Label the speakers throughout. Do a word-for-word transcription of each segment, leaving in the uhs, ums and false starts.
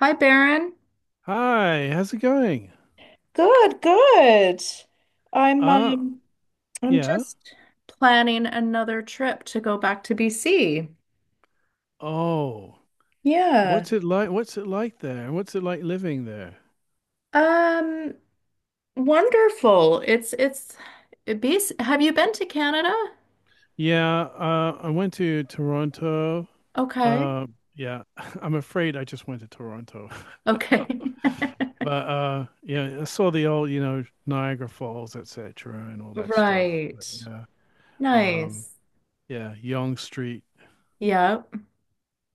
Speaker 1: Hi, Baron.
Speaker 2: Hi, how's it going?
Speaker 1: Good, good. I'm
Speaker 2: Uh,
Speaker 1: um I'm
Speaker 2: yeah.
Speaker 1: Just planning another trip to go back to B C.
Speaker 2: Oh,
Speaker 1: Yeah.
Speaker 2: what's it like? What's it like there? What's it like living there?
Speaker 1: Um, Wonderful. It's it's B C. Have you been to Canada?
Speaker 2: Yeah, uh, I went to Toronto.
Speaker 1: Okay.
Speaker 2: Uh, yeah, I'm afraid I just went to Toronto.
Speaker 1: Okay.
Speaker 2: But uh, yeah, I saw the old, you know, Niagara Falls, et cetera, and all that stuff. But
Speaker 1: Right.
Speaker 2: yeah, um,
Speaker 1: Nice.
Speaker 2: yeah, Yonge Street,
Speaker 1: Yeah.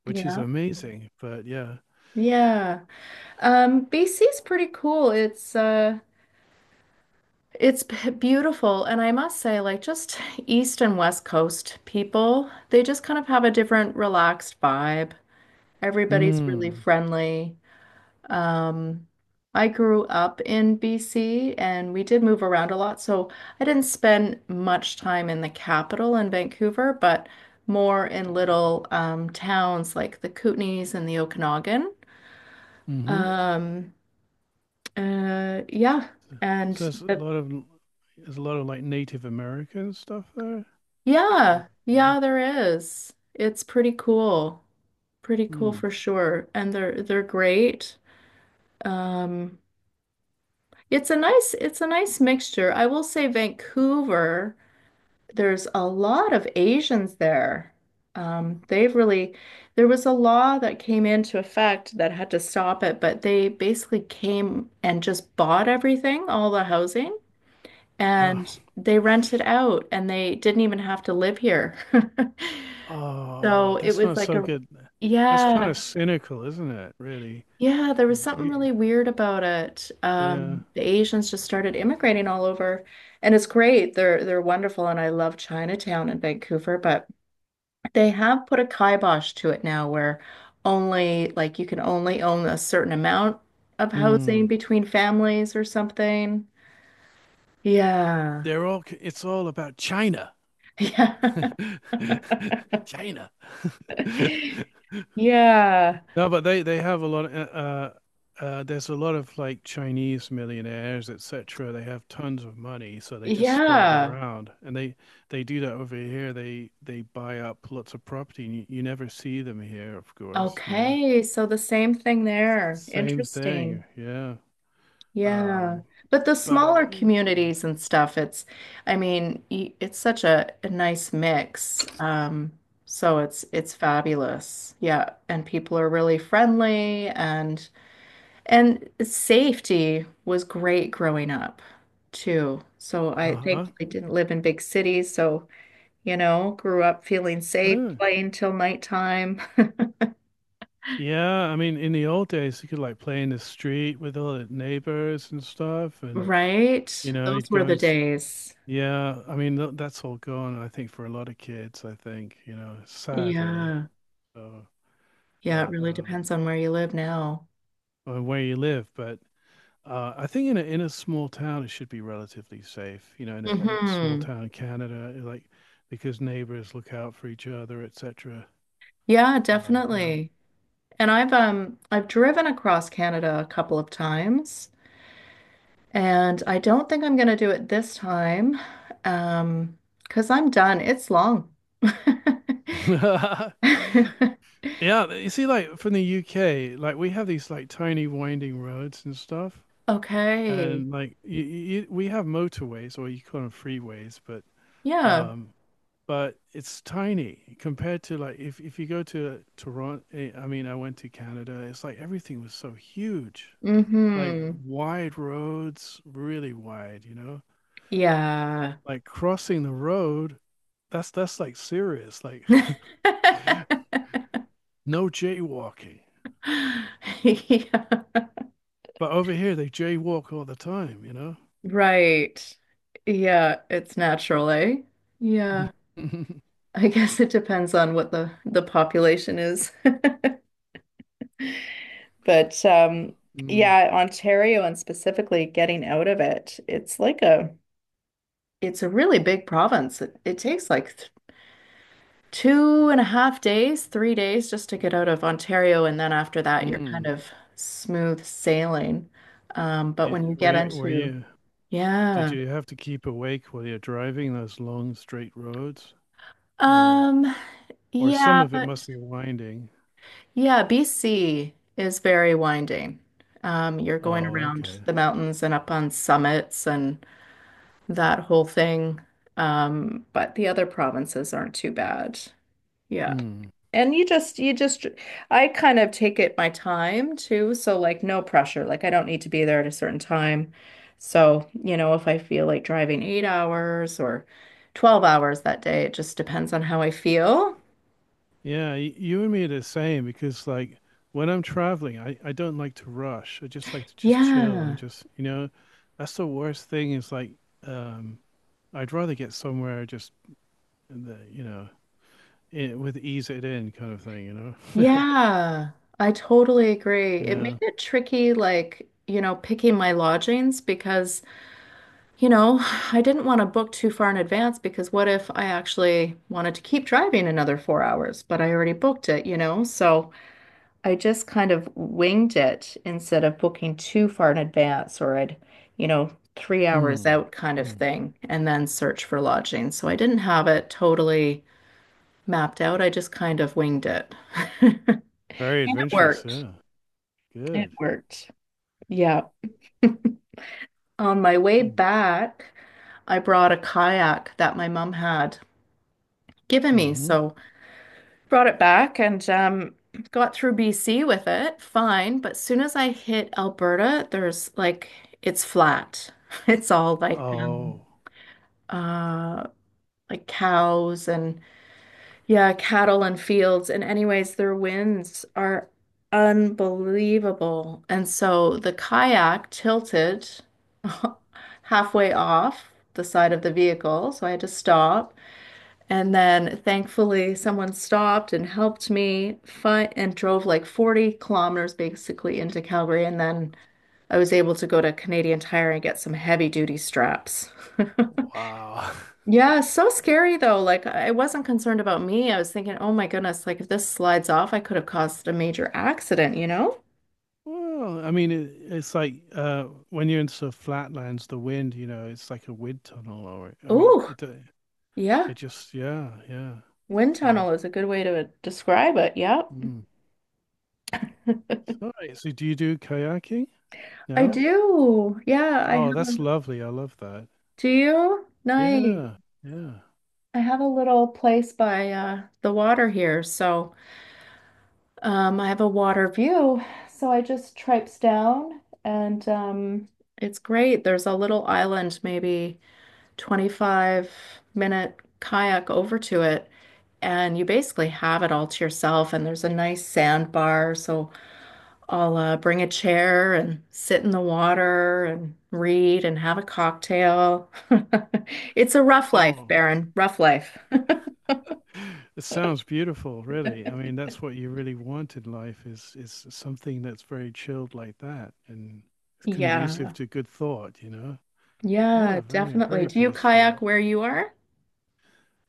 Speaker 2: which is
Speaker 1: Yeah.
Speaker 2: amazing. But yeah,
Speaker 1: Yeah. Um, B C's pretty cool. It's uh It's b- beautiful. And I must say, like, just East and West Coast people, they just kind of have a different relaxed vibe. Everybody's really
Speaker 2: mm,
Speaker 1: friendly. Um, I grew up in B C and we did move around a lot. So I didn't spend much time in the capital in Vancouver, but more in little um, towns like the Kootenays and the Okanagan.
Speaker 2: mm-hmm.
Speaker 1: Um, uh, yeah. And
Speaker 2: So there's a
Speaker 1: the
Speaker 2: lot of there's a lot of like Native American stuff there. But,
Speaker 1: Yeah,
Speaker 2: yeah.
Speaker 1: yeah, there is. It's pretty cool. Pretty cool
Speaker 2: Hmm.
Speaker 1: for sure. And they're they're great. Um, it's a nice it's a nice mixture. I will say Vancouver, there's a lot of Asians there. Um, they've really There was a law that came into effect that had to stop it, but they basically came and just bought everything, all the housing,
Speaker 2: Oh,
Speaker 1: and they rent it out and they didn't even have to live here.
Speaker 2: oh,
Speaker 1: So it
Speaker 2: that's
Speaker 1: was
Speaker 2: not
Speaker 1: like
Speaker 2: so
Speaker 1: a,
Speaker 2: good. That's kind of
Speaker 1: yeah,
Speaker 2: cynical, isn't it? Really.
Speaker 1: yeah, there was something
Speaker 2: Yeah.
Speaker 1: really weird about it.
Speaker 2: Yeah.
Speaker 1: Um, the Asians just started immigrating all over, and it's great. They're they're wonderful, and I love Chinatown in Vancouver, but they have put a kibosh to it now where only like you can only own a certain amount of housing
Speaker 2: Hmm.
Speaker 1: between families or something. Yeah.
Speaker 2: They're all. It's all about China. China.
Speaker 1: Yeah. Yeah.
Speaker 2: No, but they they have a lot of, uh, uh, uh, there's a lot of like Chinese millionaires, et cetera. They have tons of money, so they just spread it
Speaker 1: Yeah.
Speaker 2: around, and they they do that over here. They they buy up lots of property, and you, you never see them here, of course. You know,
Speaker 1: Okay. So the same thing there.
Speaker 2: same thing.
Speaker 1: Interesting.
Speaker 2: Yeah.
Speaker 1: Yeah.
Speaker 2: Um.
Speaker 1: But the
Speaker 2: But
Speaker 1: smaller
Speaker 2: yeah.
Speaker 1: communities and stuff, it's, I mean, y- it's such a, a nice mix. Um, so it's it's fabulous. Yeah, and people are really friendly and and safety was great growing up too. So I think
Speaker 2: Uh-huh.
Speaker 1: I didn't live in big cities, so you know, grew up feeling safe,
Speaker 2: Yeah.
Speaker 1: playing till nighttime,
Speaker 2: Yeah, I mean, in the old days, you could like play in the street with all the neighbors and stuff, and
Speaker 1: right?
Speaker 2: you know, you'd
Speaker 1: Those were
Speaker 2: go
Speaker 1: the
Speaker 2: and see.
Speaker 1: days.
Speaker 2: Yeah, I mean th that's all gone. I think for a lot of kids, I think you know, it's sad really.
Speaker 1: Yeah.
Speaker 2: So,
Speaker 1: Yeah, it
Speaker 2: but
Speaker 1: really
Speaker 2: um,
Speaker 1: depends on where you live now.
Speaker 2: or where you live, but uh, I think in a in a small town, it should be relatively safe. You know, in a, a small
Speaker 1: Hmm.
Speaker 2: town in Canada, like because neighbors look out for each other, et cetera.
Speaker 1: Yeah,
Speaker 2: Uh, yeah,
Speaker 1: definitely. And I've um I've driven across Canada a couple of times, and I don't think I'm gonna do it this time, um, because I'm done. It's long.
Speaker 2: yeah. You see, like from the U K, like we have these like tiny winding roads and stuff.
Speaker 1: Okay.
Speaker 2: And like you, you, we have motorways or you call them freeways, but
Speaker 1: Yeah.
Speaker 2: um, but it's tiny compared to like if if you go to Toronto. I mean, I went to Canada. It's like everything was so huge, like
Speaker 1: Mm-hmm.
Speaker 2: wide roads, really wide. You know,
Speaker 1: Yeah.
Speaker 2: like crossing the road, that's that's like serious. Like no jaywalking.
Speaker 1: Yeah.
Speaker 2: But over here, they jaywalk all the time. You know.
Speaker 1: Right. Yeah, it's natural, eh? Yeah. I guess it depends on what the the population is. But um,
Speaker 2: Mm,
Speaker 1: yeah, Ontario and specifically getting out of it, it's like a it's a really big province. It, it takes like th two and a half days, three days just to get out of Ontario, and then after that, you're kind
Speaker 2: mm.
Speaker 1: of smooth sailing. Um, but
Speaker 2: Yeah,
Speaker 1: when you get
Speaker 2: where where
Speaker 1: into
Speaker 2: you? Did
Speaker 1: yeah,
Speaker 2: you have to keep awake while you're driving those long straight roads, or
Speaker 1: um,
Speaker 2: or some
Speaker 1: yeah,
Speaker 2: of it must
Speaker 1: but
Speaker 2: be winding?
Speaker 1: yeah, B C is very winding. Um, you're going
Speaker 2: Oh,
Speaker 1: around
Speaker 2: okay.
Speaker 1: the mountains and up on summits and that whole thing. Um, but the other provinces aren't too bad. Yeah.
Speaker 2: Hmm.
Speaker 1: And you just, you just, I kind of take it my time too. So, like, no pressure. Like, I don't need to be there at a certain time. So, you know, if I feel like driving eight hours or twelve hours that day, it just depends on how I feel.
Speaker 2: Yeah, y- you and me are the same because like when I'm traveling, I I don't like to rush. I just like to just chill and
Speaker 1: Yeah.
Speaker 2: just you know, that's the worst thing is like um, I'd rather get somewhere just in the you know in, with ease it in kind of thing, you know.
Speaker 1: Yeah. I totally agree. It
Speaker 2: Yeah.
Speaker 1: made it tricky, like, you know, picking my lodgings because. You know, I didn't want to book too far in advance because what if I actually wanted to keep driving another four hours, but I already booked it, you know? So I just kind of winged it instead of booking too far in advance or I'd, you know, three hours
Speaker 2: Hmm.
Speaker 1: out kind of
Speaker 2: Hmm.
Speaker 1: thing and then search for lodging. So I didn't have it totally mapped out. I just kind of winged it.
Speaker 2: Very
Speaker 1: And it
Speaker 2: adventurous.
Speaker 1: worked.
Speaker 2: Yeah.
Speaker 1: It
Speaker 2: Good.
Speaker 1: worked. Yeah. On my way
Speaker 2: Hmm.
Speaker 1: back, I brought a kayak that my mom had given me.
Speaker 2: Mm-hmm.
Speaker 1: So brought it back and um, got through B C with it, fine. But soon as I hit Alberta, there's like it's flat. It's all like um,
Speaker 2: Oh,
Speaker 1: uh, like Cows and yeah, cattle and fields. And anyways, their winds are unbelievable. And so the kayak tilted halfway off the side of the vehicle, so I had to stop. And then thankfully, someone stopped and helped me find and drove like forty kilometers basically into Calgary. And then I was able to go to Canadian Tire and get some heavy duty straps.
Speaker 2: wow.
Speaker 1: Yeah, so scary though. Like I wasn't concerned about me. I was thinking, oh my goodness, like if this slides off, I could have caused a major accident, you know?
Speaker 2: Well, I mean, it, it's like uh, when you're into the flatlands, the wind, you know, it's like a wind tunnel, or I mean,
Speaker 1: Oh
Speaker 2: it uh, it
Speaker 1: yeah.
Speaker 2: just, yeah, yeah.
Speaker 1: Wind
Speaker 2: So,
Speaker 1: tunnel is a good way to describe it. Yep.
Speaker 2: mm. So, so do you do kayaking?
Speaker 1: I
Speaker 2: No?
Speaker 1: do. Yeah, I
Speaker 2: Oh, that's
Speaker 1: have.
Speaker 2: lovely. I love that.
Speaker 1: Do you? Nice.
Speaker 2: Yeah, yeah.
Speaker 1: I have a little place by uh, the water here, so um, I have a water view. So I just traipse down, and um, it's great. There's a little island, maybe twenty-five minute kayak over to it, and you basically have it all to yourself. And there's a nice sandbar, so I'll uh, bring a chair and sit in the water and read and have a cocktail. It's a rough life,
Speaker 2: Oh,
Speaker 1: Baron. Rough life.
Speaker 2: it sounds beautiful, really. I mean, that's what you really want in life is is something that's very chilled like that and conducive
Speaker 1: Yeah.
Speaker 2: to good thought, you know?
Speaker 1: Yeah,
Speaker 2: Yeah, very,
Speaker 1: definitely.
Speaker 2: very
Speaker 1: Do you kayak
Speaker 2: peaceful.
Speaker 1: where you are?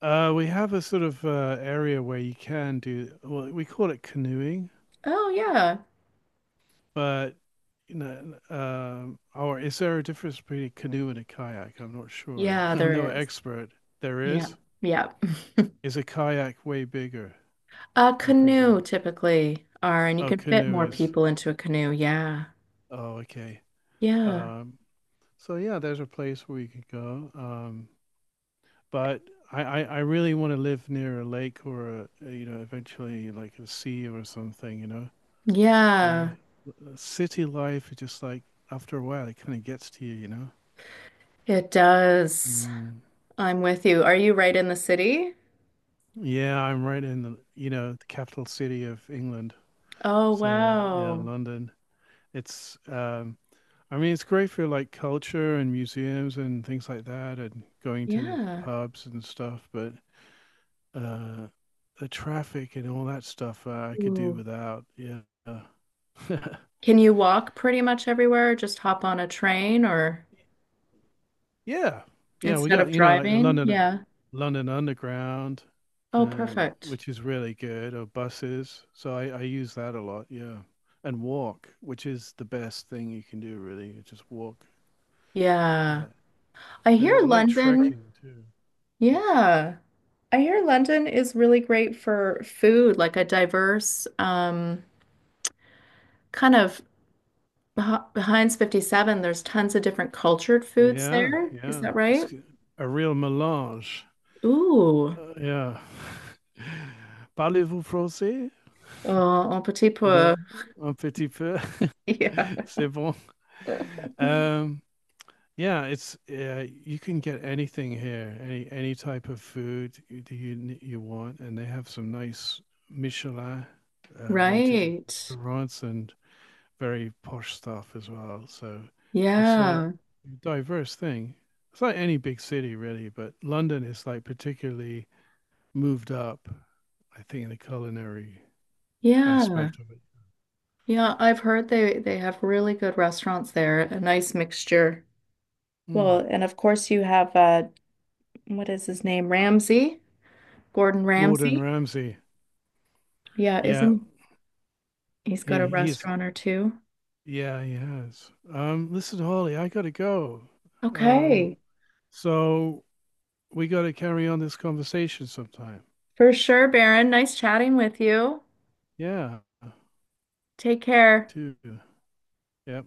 Speaker 2: Uh, we have a sort of uh, area where you can do, well, we call it canoeing,
Speaker 1: Oh, yeah.
Speaker 2: but you know, um, or is there a difference between a canoe and a kayak? I'm not sure.
Speaker 1: Yeah,
Speaker 2: I'm no
Speaker 1: there is.
Speaker 2: expert. There
Speaker 1: Yeah.
Speaker 2: is.
Speaker 1: Yeah.
Speaker 2: Is a kayak way bigger,
Speaker 1: A
Speaker 2: I
Speaker 1: canoe
Speaker 2: presume?
Speaker 1: typically are, and you
Speaker 2: Oh,
Speaker 1: can fit
Speaker 2: canoe
Speaker 1: more
Speaker 2: is.
Speaker 1: people into a canoe. Yeah.
Speaker 2: Oh, okay.
Speaker 1: Yeah.
Speaker 2: Um, so yeah, there's a place where you could go. Um, but I, I, I really want to live near a lake or a, you know, eventually like a sea or something, you know.
Speaker 1: Yeah.
Speaker 2: The city life is just like after a while, it kind of gets to you, you know.
Speaker 1: It does.
Speaker 2: Mm.
Speaker 1: I'm with you. Are you right in the city?
Speaker 2: Yeah, I'm right in the, you know, the capital city of England.
Speaker 1: Oh,
Speaker 2: So yeah,
Speaker 1: wow.
Speaker 2: London. It's um I mean it's great for like culture and museums and things like that and going to
Speaker 1: Yeah.
Speaker 2: pubs and stuff, but uh the traffic and all that stuff uh, I could do
Speaker 1: Ooh.
Speaker 2: without. Yeah. Uh,
Speaker 1: Can you walk pretty much everywhere? Just hop on a train or
Speaker 2: Yeah. Yeah, we
Speaker 1: instead
Speaker 2: got,
Speaker 1: of
Speaker 2: you know, like the
Speaker 1: driving?
Speaker 2: London
Speaker 1: Yeah.
Speaker 2: London Underground,
Speaker 1: Oh,
Speaker 2: um,
Speaker 1: perfect.
Speaker 2: which is really good, or buses. So I, I use that a lot, yeah. And walk, which is the best thing you can do, really. You Just walk.
Speaker 1: Yeah.
Speaker 2: Uh,
Speaker 1: I
Speaker 2: uh, I
Speaker 1: hear
Speaker 2: like
Speaker 1: London.
Speaker 2: trekking too.
Speaker 1: Yeah. I hear London is really great for food, like a diverse um, kind of beh- behind fifty-seven. There's tons of different cultured foods
Speaker 2: Yeah,
Speaker 1: there. Is
Speaker 2: yeah.
Speaker 1: that
Speaker 2: It's
Speaker 1: right?
Speaker 2: g- a real melange.
Speaker 1: Ooh,
Speaker 2: Uh, yeah. Parlez-vous français?
Speaker 1: oh, un petit peu.
Speaker 2: Non, un petit peu.
Speaker 1: Yeah.
Speaker 2: C'est bon. Um, Yeah, it's uh, you can get anything here, any any type of food you do you you want, and they have some nice Michelin uh, rated
Speaker 1: Right.
Speaker 2: restaurants and very posh stuff as well. So it's a
Speaker 1: Yeah.
Speaker 2: diverse thing. It's like any big city really, but London is like particularly moved up, I think, in the culinary
Speaker 1: Yeah.
Speaker 2: aspect of it.
Speaker 1: Yeah, I've heard they they have really good restaurants there. A nice mixture. Well,
Speaker 2: Mm.
Speaker 1: and of course you have uh what is his name? Ramsay? Gordon
Speaker 2: Gordon
Speaker 1: Ramsay.
Speaker 2: Ramsay,
Speaker 1: Yeah,
Speaker 2: yeah,
Speaker 1: isn't he's got
Speaker 2: he
Speaker 1: a
Speaker 2: he's
Speaker 1: restaurant or two?
Speaker 2: Yeah, he has. Um, listen, Holly, I gotta go. Um,
Speaker 1: Okay,
Speaker 2: so we gotta carry on this conversation sometime.
Speaker 1: for sure, Baron. Nice chatting with you.
Speaker 2: Yeah,
Speaker 1: Take care.
Speaker 2: too. Yep.